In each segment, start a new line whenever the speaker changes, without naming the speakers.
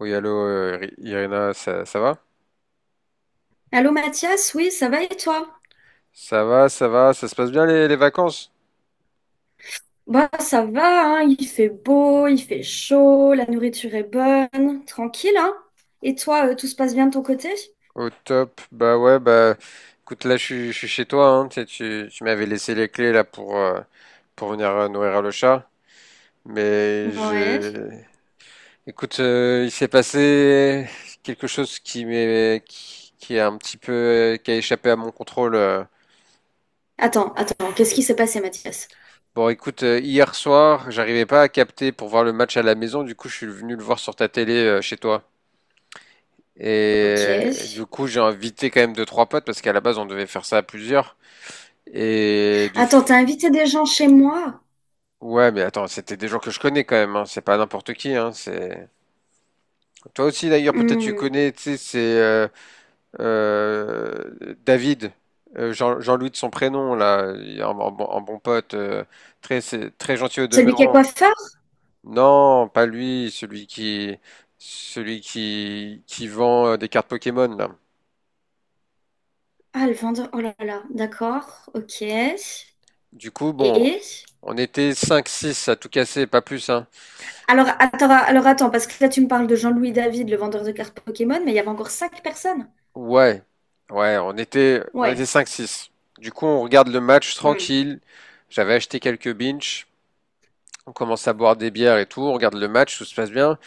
Oui, allô, Irina, ça va?
Allô Mathias, oui, ça va et toi?
Ça va, ça va, ça se passe bien les vacances?
Bah ça va, hein, il fait beau, il fait chaud, la nourriture est bonne, tranquille, hein? Et toi, tout se passe bien de ton côté?
Au top, bah ouais, bah écoute, là je suis chez toi, hein, tu sais, tu m'avais laissé les clés là pour venir, nourrir le chat, mais
Ouais.
j'ai... Écoute, il s'est passé quelque chose qui est un petit peu, qui a échappé à mon contrôle.
Attends, qu'est-ce qui s'est passé Mathias?
Bon, écoute, hier soir, j'arrivais pas à capter pour voir le match à la maison, du coup je suis venu le voir sur ta télé, chez toi.
Ok.
Et du coup, j'ai invité quand même deux, trois potes parce qu'à la base, on devait faire ça à plusieurs. Et de...
Attends,
f-
t'as invité des gens chez moi?
Ouais, mais attends, c'était des gens que je connais quand même, hein. C'est pas n'importe qui, hein. C'est... Toi aussi, d'ailleurs, peut-être tu
Hmm.
connais, tu sais, c'est David, Jean-Louis de son prénom, là, un bon pote, très, très gentil au
Celui qui est
demeurant.
coiffeur?
Non, pas lui, celui qui vend, des cartes Pokémon, là.
Ah, le vendeur, oh là là, d'accord, ok.
Du coup, bon,
Et?
on était cinq six à tout casser, pas plus, hein.
Alors attends, parce que là tu me parles de Jean-Louis David, le vendeur de cartes Pokémon, mais il y avait encore cinq personnes.
Ouais, ouais, on était, on
Ouais.
était cinq six. Du coup, on regarde le match tranquille. J'avais acheté quelques binges. On commence à boire des bières et tout. On regarde le match, tout se passe bien.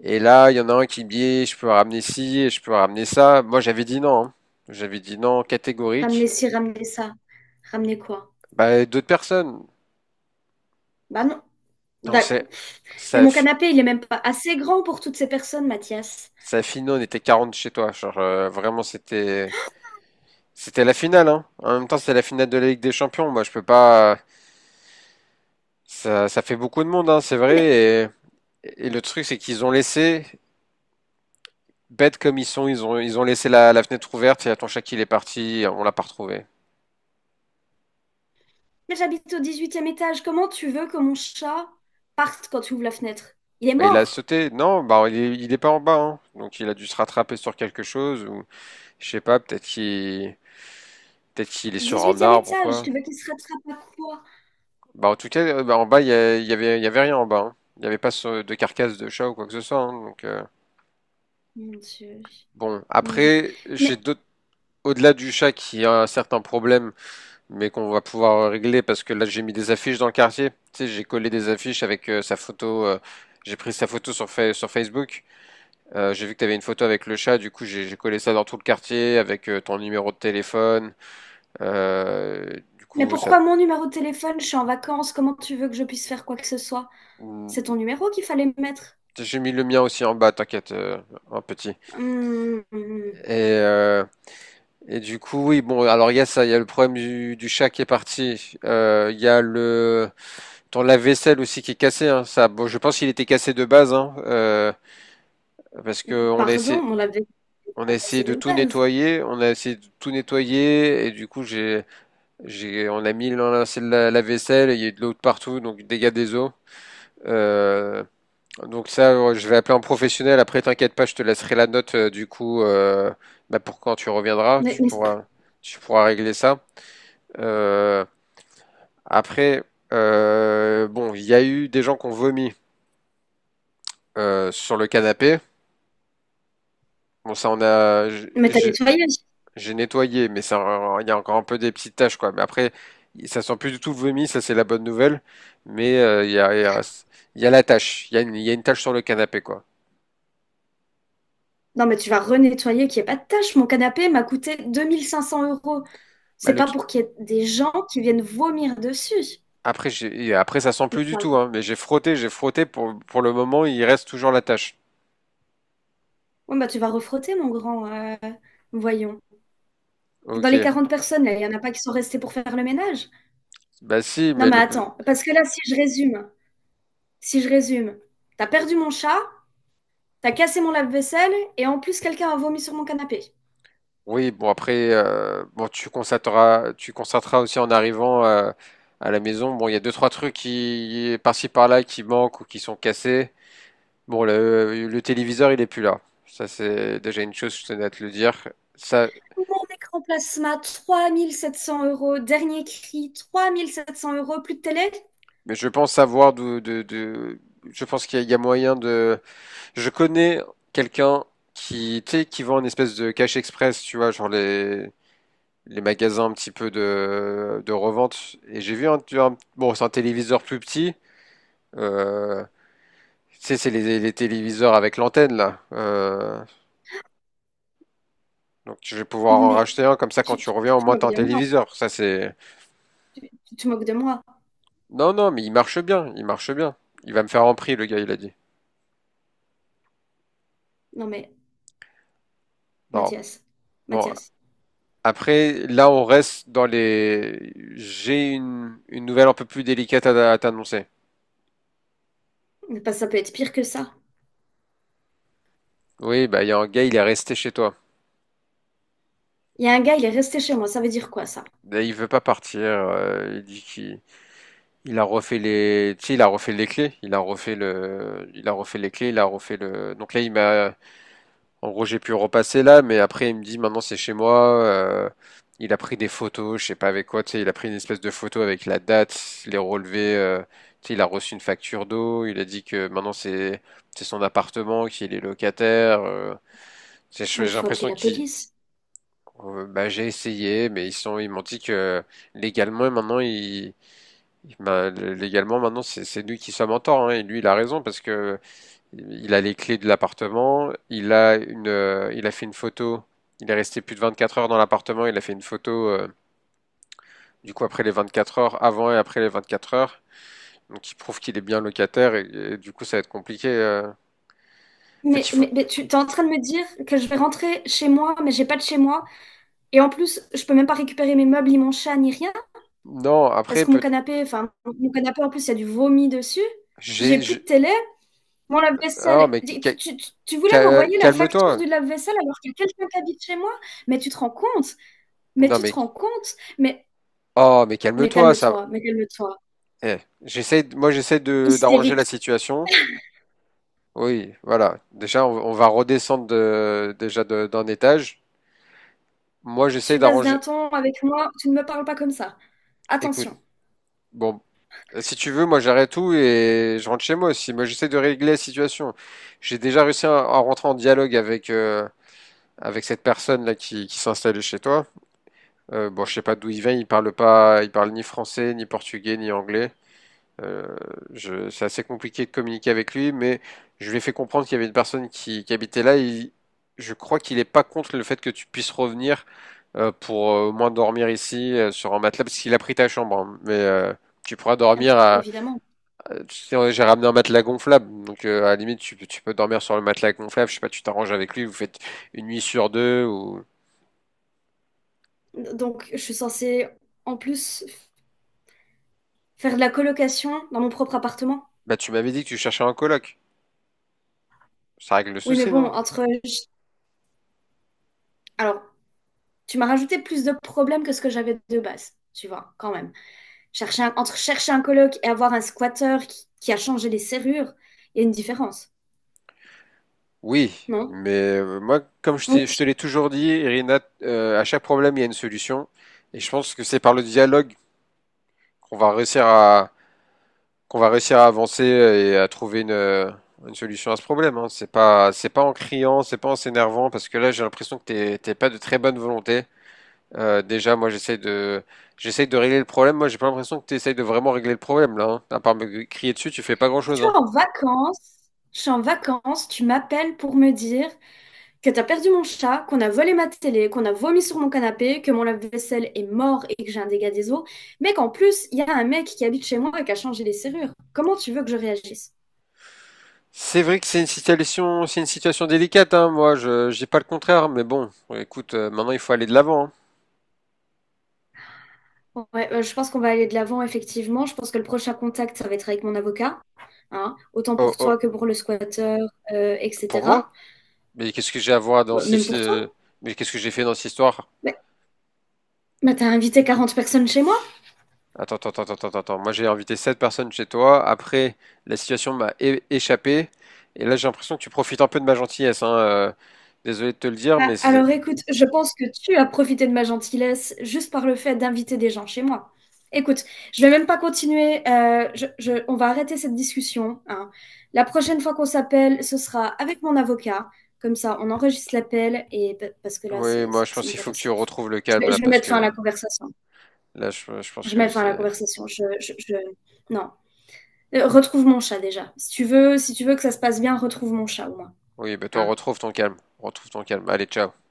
Et là, il y en a un qui me dit, je peux ramener ci, et je peux ramener ça. Moi, j'avais dit non, hein. J'avais dit non, catégorique.
Ramener ci, ramener ça. Ramener quoi?
Bah, d'autres personnes.
Bah non.
Non,
D'accord.
c'est,
Mais
ça, a
mon
fi-
canapé, il est même pas assez grand pour toutes ces personnes, Mathias.
ça a fini, on était 40 chez toi. Genre, vraiment, c'était la finale, hein. En même temps, c'est la finale de la Ligue des Champions. Moi, je peux pas. Ça fait beaucoup de monde, hein, c'est
Mais,
vrai. Et le truc, c'est qu'ils ont laissé, bêtes comme ils sont, ils ont laissé la fenêtre ouverte. Et ton chat, il est parti, on l'a pas retrouvé.
mais j'habite au dix-huitième étage. Comment tu veux que mon chat parte quand tu ouvres la fenêtre? Il est
Bah, il a
mort.
sauté. Non, bah, il est pas en bas, hein. Donc, il a dû se rattraper sur quelque chose ou je sais pas. Peut-être qu'il est sur un
Dix-huitième
arbre ou
étage, tu
quoi.
veux qu'il se rattrape à quoi?
Bah, en tout cas, bah, en bas, il y avait rien en bas, hein. Il n'y avait pas de carcasse de chat ou quoi que ce soit, hein. Donc,
Mon Dieu,
bon,
mon Dieu.
après, j'ai
Mais,
d'autres. Au-delà du chat qui a un certain problème, mais qu'on va pouvoir régler parce que là j'ai mis des affiches dans le quartier. Tu sais, j'ai collé des affiches avec, sa photo. J'ai pris sa photo sur Facebook. J'ai vu que tu avais une photo avec le chat. Du coup, j'ai collé ça dans tout le quartier avec, ton numéro de téléphone. Euh, du
mais
coup, ça.
pourquoi mon numéro de téléphone? Je suis en vacances. Comment tu veux que je puisse faire quoi que ce soit? C'est ton
Mm.
numéro qu'il fallait mettre.
J'ai mis le mien aussi en bas, t'inquiète, en petit.
Hum,
Et,
hum.
euh, et du coup, oui, bon, alors il y a ça, il y a le problème du chat qui est parti. Il y a le. Ton lave-vaisselle aussi qui est cassé, hein, ça, bon, je pense qu'il était cassé de base, hein, parce que
Pardon, on l'avait
on a
pas
essayé
passé
de
de
tout
base.
nettoyer, et du coup on a mis c'est de la vaisselle, il y a eu de l'eau de partout, donc dégâts des eaux. Euh, donc ça, je vais appeler un professionnel. Après, t'inquiète pas, je te laisserai la note, bah, pour quand tu reviendras,
Mais, mais
tu pourras régler ça. Euh, Après, bon, il y a eu des gens qui ont vomi, sur le canapé. Bon, ça, on a,
Mais t'as nettoyé.
j'ai- nettoyé, mais ça, il y a encore un peu des petites taches, quoi. Mais après, ça sent plus du tout le vomi, ça, c'est la bonne nouvelle. Mais il y a la tache, il y a une tache sur le canapé, quoi.
Non, mais tu vas renettoyer qu'il n'y ait pas de tâche. Mon canapé m'a coûté 2500 euros.
Bah,
C'est pas pour qu'il y ait des gens qui viennent vomir dessus.
après, et après, ça sent
Mais
plus
ça
du tout,
va.
hein. Mais j'ai frotté, j'ai frotté, pour le moment, il reste toujours la tache.
Ouais, bah, tu vas refrotter, mon grand. Voyons. Dans
Ok.
les 40 personnes, là, il n'y en a pas qui sont restées pour faire le ménage.
Bah si,
Non, mais attends. Parce que là, si je résume, si je résume, t'as perdu mon chat, t'as cassé mon lave-vaisselle, et en plus, quelqu'un a vomi sur mon canapé.
oui, bon après, bon tu constateras aussi en arrivant, à la maison. Bon, il y a deux trois trucs qui par-ci par-là qui manquent ou qui sont cassés. Bon, le téléviseur, il est plus là. Ça, c'est déjà une chose, je tenais à te le dire. Ça,
Mon écran plasma, 3700 euros. Dernier cri, 3700 euros. Plus de télé.
mais je pense savoir d'où, je pense qu'il y a, il y a moyen de, je connais quelqu'un qui, tu sais, qui vend une espèce de cash express, tu vois, genre les magasins un petit peu de revente. Et j'ai vu bon, c'est un téléviseur plus petit, euh, tu sais, c'est les téléviseurs avec l'antenne, là. Donc, je vais pouvoir en
Mais
racheter un, comme ça, quand
tu,
tu
tu- tu
reviens, au
te
moins,
moques
t'as un
de moi.
téléviseur. Ça, c'est.
Tu, tu te moques de moi.
Non, non, mais il marche bien, il marche bien. Il va me faire en prix, le gars, il a dit.
Non mais
Non,
Mathias,
bon.
Mathias,
Après, là, on reste dans les. J'ai une nouvelle un peu plus délicate à t'annoncer.
mais ça peut être pire que ça.
Oui, bah, il y a un gars, il est resté chez toi.
Il y a un gars, il est resté chez moi. Ça veut dire quoi ça?
Mais il veut pas partir. Il dit qu'il il a refait les, tu sais, il a refait les clés. Il a refait les clés. Il a refait le. Donc là, il m'a. En gros, j'ai pu repasser là, mais après, il me dit maintenant c'est chez moi. Il a pris des photos, je sais pas avec quoi, tu sais, il a pris une espèce de photo avec la date, les relevés. Tu sais, il a reçu une facture d'eau. Il a dit que maintenant c'est son appartement, qu'il est locataire.
Non mais
J'ai
faut appeler
l'impression
la
qu'il.
police.
Bah, j'ai essayé, mais ils m'ont dit que légalement maintenant, bah, légalement maintenant, c'est nous qui sommes en tort, hein, et lui il a raison parce que il a les clés de l'appartement, il a fait une photo, il est resté plus de 24 heures dans l'appartement, il a fait une photo, du coup après les 24 heures, avant et après les 24 heures, donc il prouve qu'il est bien locataire et du coup ça va être compliqué. En fait,
Mais,
il faut...
mais, mais tu t'es en train de me dire que je vais rentrer chez moi, mais j'ai pas de chez moi. Et en plus, je peux même pas récupérer mes meubles, ni mon chat, ni rien.
Non,
Parce
après,
que mon
peut...
canapé, enfin, mon canapé en plus, il y a du vomi dessus. J'ai
j'ai...
plus de
j'ai-
télé. Mon
Oh,
lave-vaisselle.
mais
Tu, tu, tu tu voulais m'envoyer la facture
calme-toi.
du lave-vaisselle alors qu'il y a quelqu'un qui habite chez moi? Mais tu te rends compte? Mais
Non,
tu te
mais...
rends compte? Mais,
Oh, mais
mais
calme-toi, ça...
calme-toi, mais calme-toi.
Eh, Moi, j'essaie d'arranger la
Hystérique.
situation. Oui, voilà. Déjà, on va redescendre d'un étage. Moi, j'essaye
Tu baisses d'un
d'arranger.
ton avec moi, tu ne me parles pas comme ça.
Écoute,
Attention.
bon, si tu veux, moi j'arrête tout et je rentre chez moi aussi. Moi, j'essaie de régler la situation. J'ai déjà réussi à rentrer en dialogue avec, avec cette personne là qui s'est installée chez toi. Bon, je sais pas d'où il vient. Il parle pas, il parle ni français, ni portugais, ni anglais. Euh, c'est assez compliqué de communiquer avec lui, mais je lui ai fait comprendre qu'il y avait une personne qui habitait là. Je crois qu'il est pas contre le fait que tu puisses revenir, pour, au moins dormir ici, sur un matelas, parce qu'il a pris ta chambre, hein. Mais tu pourras dormir à.
Évidemment.
Tu sais, ouais, j'ai ramené un matelas gonflable, donc, à la limite tu peux dormir sur le matelas gonflable. Je sais pas, tu t'arranges avec lui, vous faites une nuit sur deux ou.
Donc, je suis censée, en plus, faire de la colocation dans mon propre appartement.
Bah tu m'avais dit que tu cherchais un coloc. Ça règle le
Oui, mais
souci,
bon,
non?
entre… Alors, tu m'as rajouté plus de problèmes que ce que j'avais de base, tu vois, quand même. Entre chercher un coloc et avoir un squatteur qui a changé les serrures, il y a une différence,
Oui,
non?
mais moi, comme je te
Oui.
l'ai toujours dit, Irina, à chaque problème, il y a une solution. Et je pense que c'est par le dialogue qu'on va réussir à, qu'on va réussir à avancer et à trouver une solution à ce problème, hein. C'est pas en criant, c'est pas en s'énervant, parce que là, j'ai l'impression que t'es pas de très bonne volonté. Déjà, moi, j'essaie de régler le problème. Moi, j'ai pas l'impression que t'essayes de vraiment régler le problème, là, hein. À part me crier dessus, tu fais pas
Je
grand-chose,
suis
hein.
en vacances, je suis en vacances, tu m'appelles pour me dire que t'as perdu mon chat, qu'on a volé ma télé, qu'on a vomi sur mon canapé, que mon lave-vaisselle est mort et que j'ai un dégât des eaux, mais qu'en plus, il y a un mec qui habite chez moi et qui a changé les serrures. Comment tu veux que je réagisse?
C'est vrai que c'est une situation délicate, hein, moi, je dis pas le contraire, mais bon, écoute, maintenant il faut aller de l'avant, hein.
Ouais, je pense qu'on va aller de l'avant, effectivement. Je pense que le prochain contact, ça va être avec mon avocat, hein, autant
Oh,
pour toi
oh,
que pour le squatteur,
pour moi?
etc.
Mais qu'est-ce que j'ai à voir dans
Bah,
si,
même
si,
pour toi.
mais qu'est-ce que j'ai fait dans cette histoire?
Mais, mais t'as invité 40 personnes chez moi.
Attends, moi, j'ai invité sept personnes chez toi. Après, la situation échappé. Et là, j'ai l'impression que tu profites un peu de ma gentillesse, hein. Désolé de te le dire,
Ah,
mais c'est...
alors écoute, je pense que tu as profité de ma gentillesse juste par le fait d'inviter des gens chez moi. Écoute, je vais même pas continuer. On va arrêter cette discussion, hein. La prochaine fois qu'on s'appelle, ce sera avec mon avocat. Comme ça, on enregistre l'appel parce que là,
Oui, moi, je
c'est
pense
une
qu'il faut que tu
catastrophe.
retrouves le
Je
calme,
vais,
là,
je vais
parce
mettre fin à la
que...
conversation.
Là, je pense
Je
que
mets fin à la
c'est...
conversation. Non. Retrouve mon chat déjà. Si tu veux que ça se passe bien, retrouve mon chat au moins,
Oui, ben toi,
hein.
retrouve ton calme. Retrouve ton calme. Allez, ciao.